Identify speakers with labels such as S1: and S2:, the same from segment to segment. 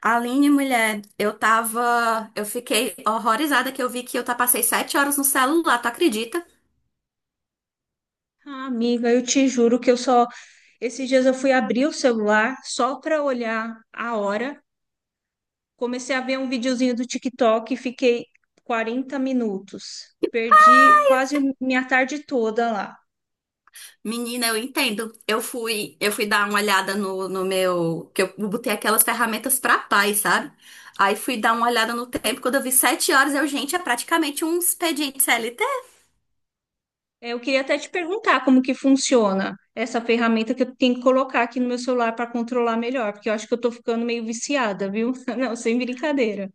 S1: Aline, mulher, eu tava. Eu fiquei horrorizada que eu vi que eu passei 7 horas no celular, tu acredita?
S2: Ah, amiga, eu te juro que eu só. Esses dias eu fui abrir o celular só para olhar a hora. Comecei a ver um videozinho do TikTok e fiquei 40 minutos. Perdi quase minha tarde toda lá.
S1: Menina, eu entendo. Eu fui dar uma olhada no meu. Que eu botei aquelas ferramentas pra paz, sabe? Aí fui dar uma olhada no tempo, quando eu vi 7 horas, eu, gente, é praticamente um expediente.
S2: Eu queria até te perguntar como que funciona essa ferramenta que eu tenho que colocar aqui no meu celular para controlar melhor, porque eu acho que eu tô ficando meio viciada, viu? Não, sem brincadeira.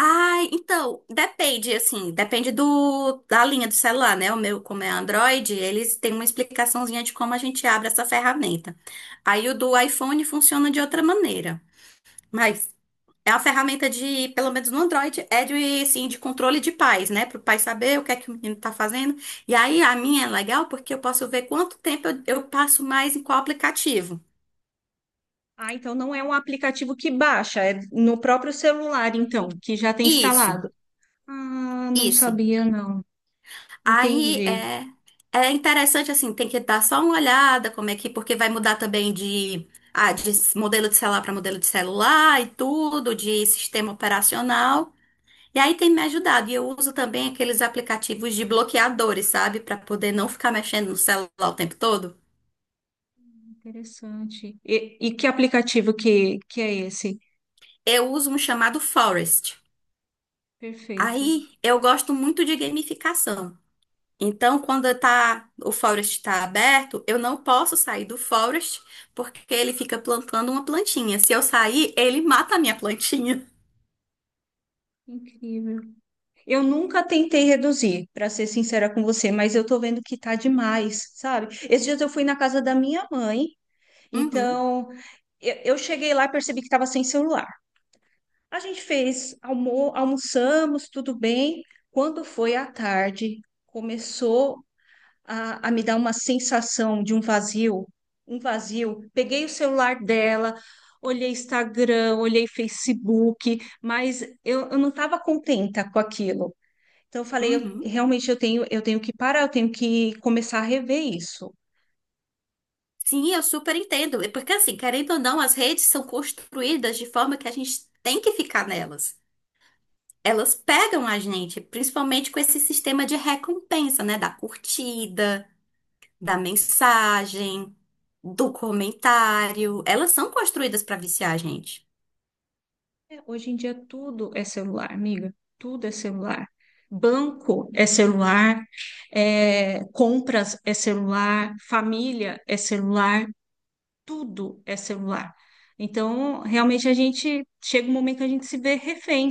S1: Ai, então, depende, assim, depende da linha do celular, né? O meu, como é Android, eles têm uma explicaçãozinha de como a gente abre essa ferramenta. Aí o do iPhone funciona de outra maneira, mas é uma ferramenta de, pelo menos no Android, é de, assim, de controle de pais, né? Para o pai saber o que é que o menino tá fazendo. E aí a minha é legal porque eu posso ver quanto tempo eu passo mais em qual aplicativo.
S2: Ah, então não é um aplicativo que baixa, é no próprio celular, então, que já tem
S1: Isso,
S2: instalado. Ah, não
S1: isso.
S2: sabia, não.
S1: Aí
S2: Entendi.
S1: é, é interessante assim, tem que dar só uma olhada como é que, porque vai mudar também de, ah, de modelo de celular para modelo de celular e tudo, de sistema operacional. E aí tem me ajudado. E eu uso também aqueles aplicativos de bloqueadores, sabe? Para poder não ficar mexendo no celular o tempo todo.
S2: Interessante. E que aplicativo que é esse?
S1: Eu uso um chamado Forest.
S2: Perfeito.
S1: Aí eu gosto muito de gamificação. Então, quando tá, o Forest está aberto, eu não posso sair do Forest porque ele fica plantando uma plantinha. Se eu sair, ele mata a minha plantinha.
S2: Incrível. Eu nunca tentei reduzir, para ser sincera com você, mas eu tô vendo que tá demais, sabe? Esses dias eu fui na casa da minha mãe,
S1: Uhum,
S2: então eu cheguei lá e percebi que estava sem celular. A gente fez, almoçamos, tudo bem. Quando foi à tarde, começou a me dar uma sensação de um vazio, um vazio. Peguei o celular dela, olhei Instagram, olhei Facebook, mas eu não estava contenta com aquilo. Então eu falei, eu,
S1: uhum.
S2: realmente eu tenho que parar, eu tenho que começar a rever isso.
S1: Sim, eu super entendo. É. Porque, assim, querendo ou não, as redes são construídas de forma que a gente tem que ficar nelas. Elas pegam a gente, principalmente com esse sistema de recompensa, né? Da curtida, da mensagem, do comentário. Elas são construídas para viciar a gente.
S2: É, hoje em dia tudo é celular, amiga, tudo é celular. Banco é celular, é, compras é celular, família é celular. Tudo é celular. Então, realmente a gente chega um momento que a gente se vê refém.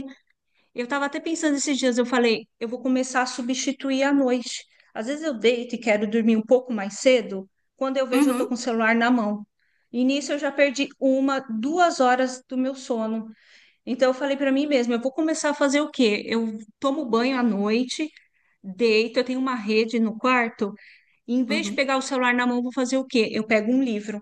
S2: Eu estava até pensando esses dias, eu falei, eu vou começar a substituir à noite. Às vezes eu deito e quero dormir um pouco mais cedo, quando eu vejo eu estou
S1: Uhum,
S2: com o celular na mão. E nisso eu já perdi uma, 2 horas do meu sono. Então eu falei para mim mesma, eu vou começar a fazer o quê? Eu tomo banho à noite, deito, eu tenho uma rede no quarto, e em vez de
S1: uhum.
S2: pegar o celular na mão, eu vou fazer o quê? Eu pego um livro,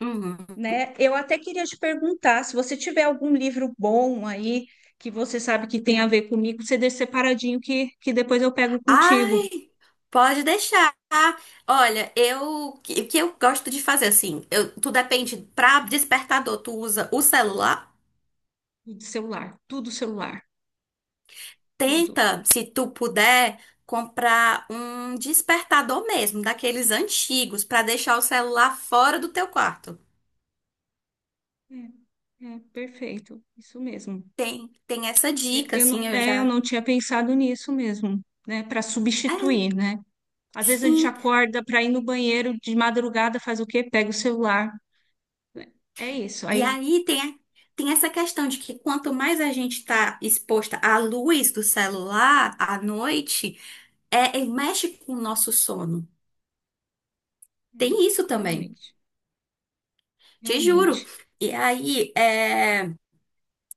S1: Uhum.
S2: né? Eu até queria te perguntar se você tiver algum livro bom aí que você sabe que tem a ver comigo, você deixa separadinho que depois eu pego contigo.
S1: Ai, pode deixar. Olha, eu o que eu gosto de fazer assim, eu, tu depende para despertador, tu usa o celular?
S2: Tudo celular, tudo celular, tudo.
S1: Tenta, se tu puder, comprar um despertador mesmo, daqueles antigos, para deixar o celular fora do teu quarto.
S2: Perfeito, isso mesmo.
S1: Tem, tem essa
S2: Eu,
S1: dica,
S2: eu
S1: assim,
S2: não,
S1: eu
S2: é, eu
S1: já.
S2: não tinha pensado nisso mesmo, né? Para
S1: É,
S2: substituir, né? Às vezes a gente
S1: sim.
S2: acorda para ir no banheiro de madrugada, faz o quê? Pega o celular. É isso,
S1: E
S2: aí.
S1: aí tem, tem essa questão de que quanto mais a gente está exposta à luz do celular à noite é, e mexe com o nosso sono.
S2: É,
S1: Tem isso também,
S2: realmente,
S1: te juro.
S2: realmente.
S1: E aí, é,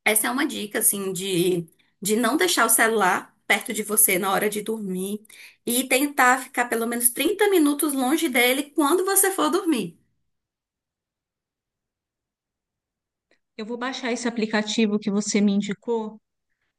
S1: essa é uma dica, assim, de não deixar o celular perto de você na hora de dormir e tentar ficar pelo menos 30 minutos longe dele quando você for dormir.
S2: Eu vou baixar esse aplicativo que você me indicou,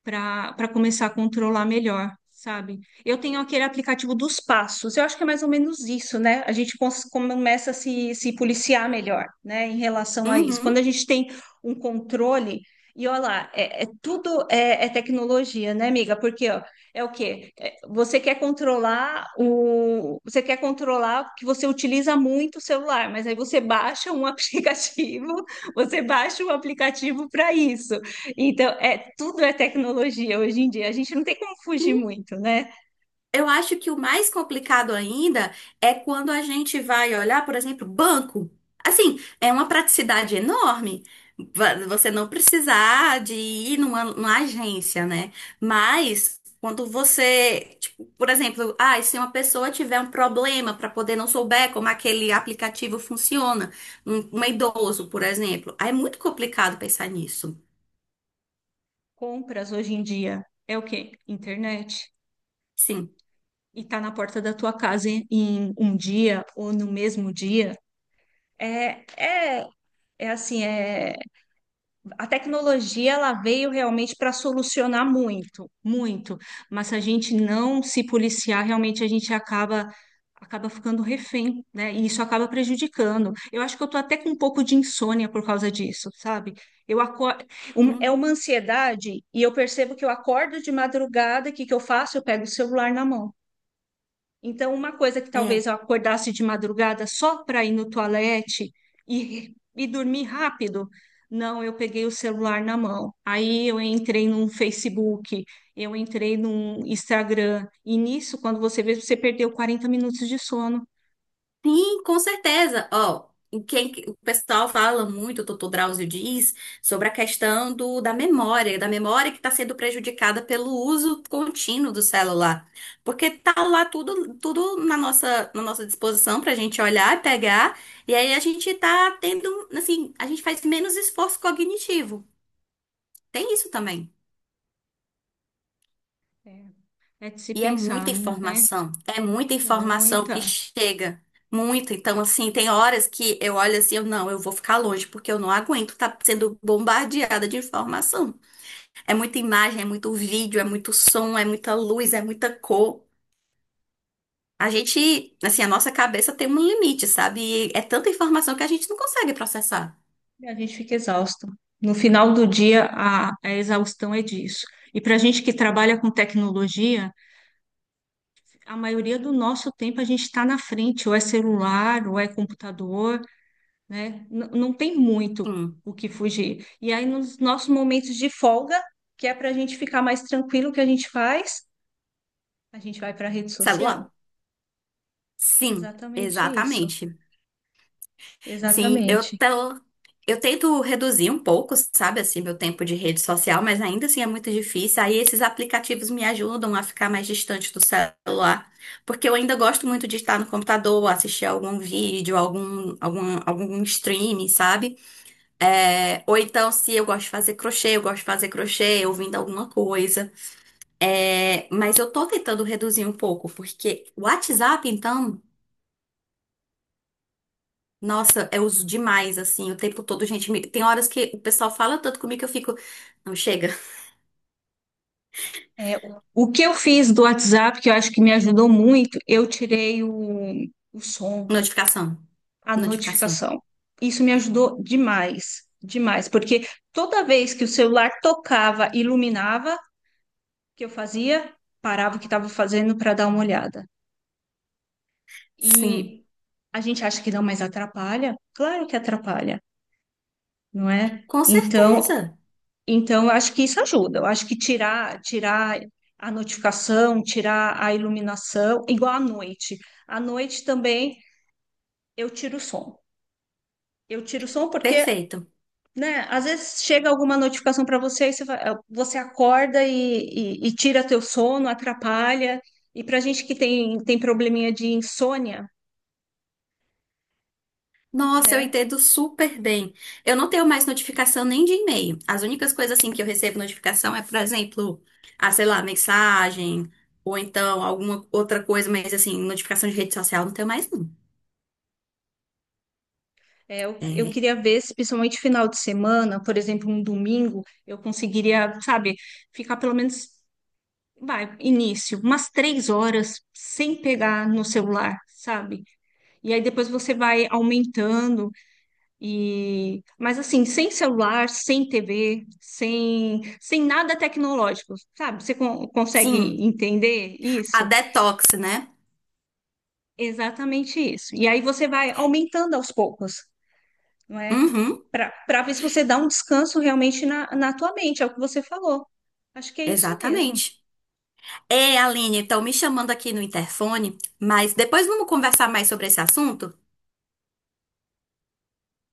S2: para começar a controlar melhor, sabe? Eu tenho aquele aplicativo dos passos, eu acho que é mais ou menos isso, né? A gente começa a se policiar melhor, né, em relação a isso. Quando a
S1: Uhum.
S2: gente tem um controle, e olha lá, é é tecnologia, né, amiga? Porque, ó, é o quê? É, você quer controlar o, você quer controlar que você utiliza muito o celular, mas aí você baixa um aplicativo, você baixa um aplicativo para isso. Então, é, tudo é tecnologia hoje em dia. A gente não tem como fugir muito, né?
S1: Eu acho que o mais complicado ainda é quando a gente vai olhar, por exemplo, banco. Assim, é uma praticidade enorme. Você não precisar de ir numa agência, né? Mas quando você, tipo, por exemplo, ah, se uma pessoa tiver um problema para poder não souber como aquele aplicativo funciona, um idoso, por exemplo, aí é muito complicado pensar nisso.
S2: Compras hoje em dia é o quê? Internet.
S1: Sim.
S2: E tá na porta da tua casa em um dia ou no mesmo dia. É, é, é assim, é a tecnologia, ela veio realmente para solucionar muito, muito, mas se a gente não se policiar, realmente a gente acaba, acaba ficando refém, né? E isso acaba prejudicando. Eu acho que eu tô até com um pouco de insônia por causa disso, sabe? Eu acordo,
S1: Hum.
S2: é uma ansiedade e eu percebo que eu acordo de madrugada, o que que eu faço? Eu pego o celular na mão. Então, uma coisa que talvez
S1: É.
S2: eu acordasse de madrugada só para ir no toalete e dormir rápido, não, eu peguei o celular na mão. Aí eu entrei num Facebook, eu entrei num Instagram. E nisso, quando você vê, você perdeu 40 minutos de sono.
S1: Sim, com certeza. Ó, o pessoal fala muito, o doutor Drauzio diz, sobre a questão do, da memória que está sendo prejudicada pelo uso contínuo do celular. Porque tá lá tudo, tudo na nossa disposição para a gente olhar e pegar, e aí a gente tá tendo, assim, a gente faz menos esforço cognitivo. Tem isso também.
S2: É É de se
S1: E
S2: pensar, né?
S1: é muita informação que
S2: Muita.
S1: chega, muita. Então, assim, tem horas que eu olho assim, eu não, eu vou ficar longe, porque eu não aguento estar sendo bombardeada de informação. É muita imagem, é muito vídeo, é muito som, é muita luz, é muita cor. A gente, assim, a nossa cabeça tem um limite, sabe? E é tanta informação que a gente não consegue processar.
S2: E a gente fica exausto. No final do dia, a exaustão é disso. E para a gente que trabalha com tecnologia, a maioria do nosso tempo a gente está na frente, ou é celular, ou é computador, né? Não tem muito
S1: Hum,
S2: o que fugir. E aí, nos nossos momentos de folga, que é para a gente ficar mais tranquilo, o que a gente faz? A gente vai para a rede social.
S1: celular? Sim,
S2: Exatamente isso.
S1: exatamente. Sim, eu
S2: Exatamente.
S1: tô. Eu tento reduzir um pouco, sabe, assim, meu tempo de rede social, mas ainda assim é muito difícil. Aí esses aplicativos me ajudam a ficar mais distante do celular, porque eu ainda gosto muito de estar no computador, assistir algum vídeo, algum streaming, sabe? É, ou então, se eu gosto de fazer crochê, eu gosto de fazer crochê, ouvindo alguma coisa. É, mas eu tô tentando reduzir um pouco, porque o WhatsApp, então. Nossa, eu uso demais, assim, o tempo todo, gente. Tem horas que o pessoal fala tanto comigo que eu fico. Não, chega.
S2: É, o que eu fiz do WhatsApp, que eu acho que me ajudou muito, eu tirei o som.
S1: Notificação.
S2: A
S1: Notificação.
S2: notificação. Isso me ajudou demais, demais, porque toda vez que o celular tocava, iluminava, o que eu fazia, parava o que estava fazendo para dar uma olhada.
S1: Sim,
S2: E a gente acha que não, mas atrapalha? Claro que atrapalha, não é?
S1: com
S2: Então,
S1: certeza.
S2: então eu acho que isso ajuda. Eu acho que tirar, tirar a notificação, tirar a iluminação, igual à noite. À noite também eu tiro o som. Eu tiro o som porque,
S1: Perfeito.
S2: né? Às vezes chega alguma notificação para você, e você, você acorda e, e tira teu sono, atrapalha. E para gente que tem, tem probleminha de insônia,
S1: Nossa, eu
S2: né?
S1: entendo super bem. Eu não tenho mais notificação nem de e-mail. As únicas coisas assim que eu recebo notificação é, por exemplo, ah, sei lá, mensagem ou então alguma outra coisa, mas assim, notificação de rede social não tenho mais não.
S2: É, eu
S1: É.
S2: queria ver se, principalmente final de semana, por exemplo, um domingo, eu conseguiria, sabe, ficar pelo menos, vai, início, umas 3 horas sem pegar no celular, sabe? E aí depois você vai aumentando. E, mas assim, sem celular, sem TV, sem nada tecnológico, sabe? Você consegue
S1: Sim,
S2: entender
S1: a
S2: isso?
S1: detox, né?
S2: Exatamente isso. E aí você vai aumentando aos poucos, não é?
S1: Uhum,
S2: Para ver se você dá um descanso realmente na, na tua mente, é o que você falou. Acho que é isso mesmo.
S1: exatamente. É, Aline, estão me chamando aqui no interfone, mas depois vamos conversar mais sobre esse assunto?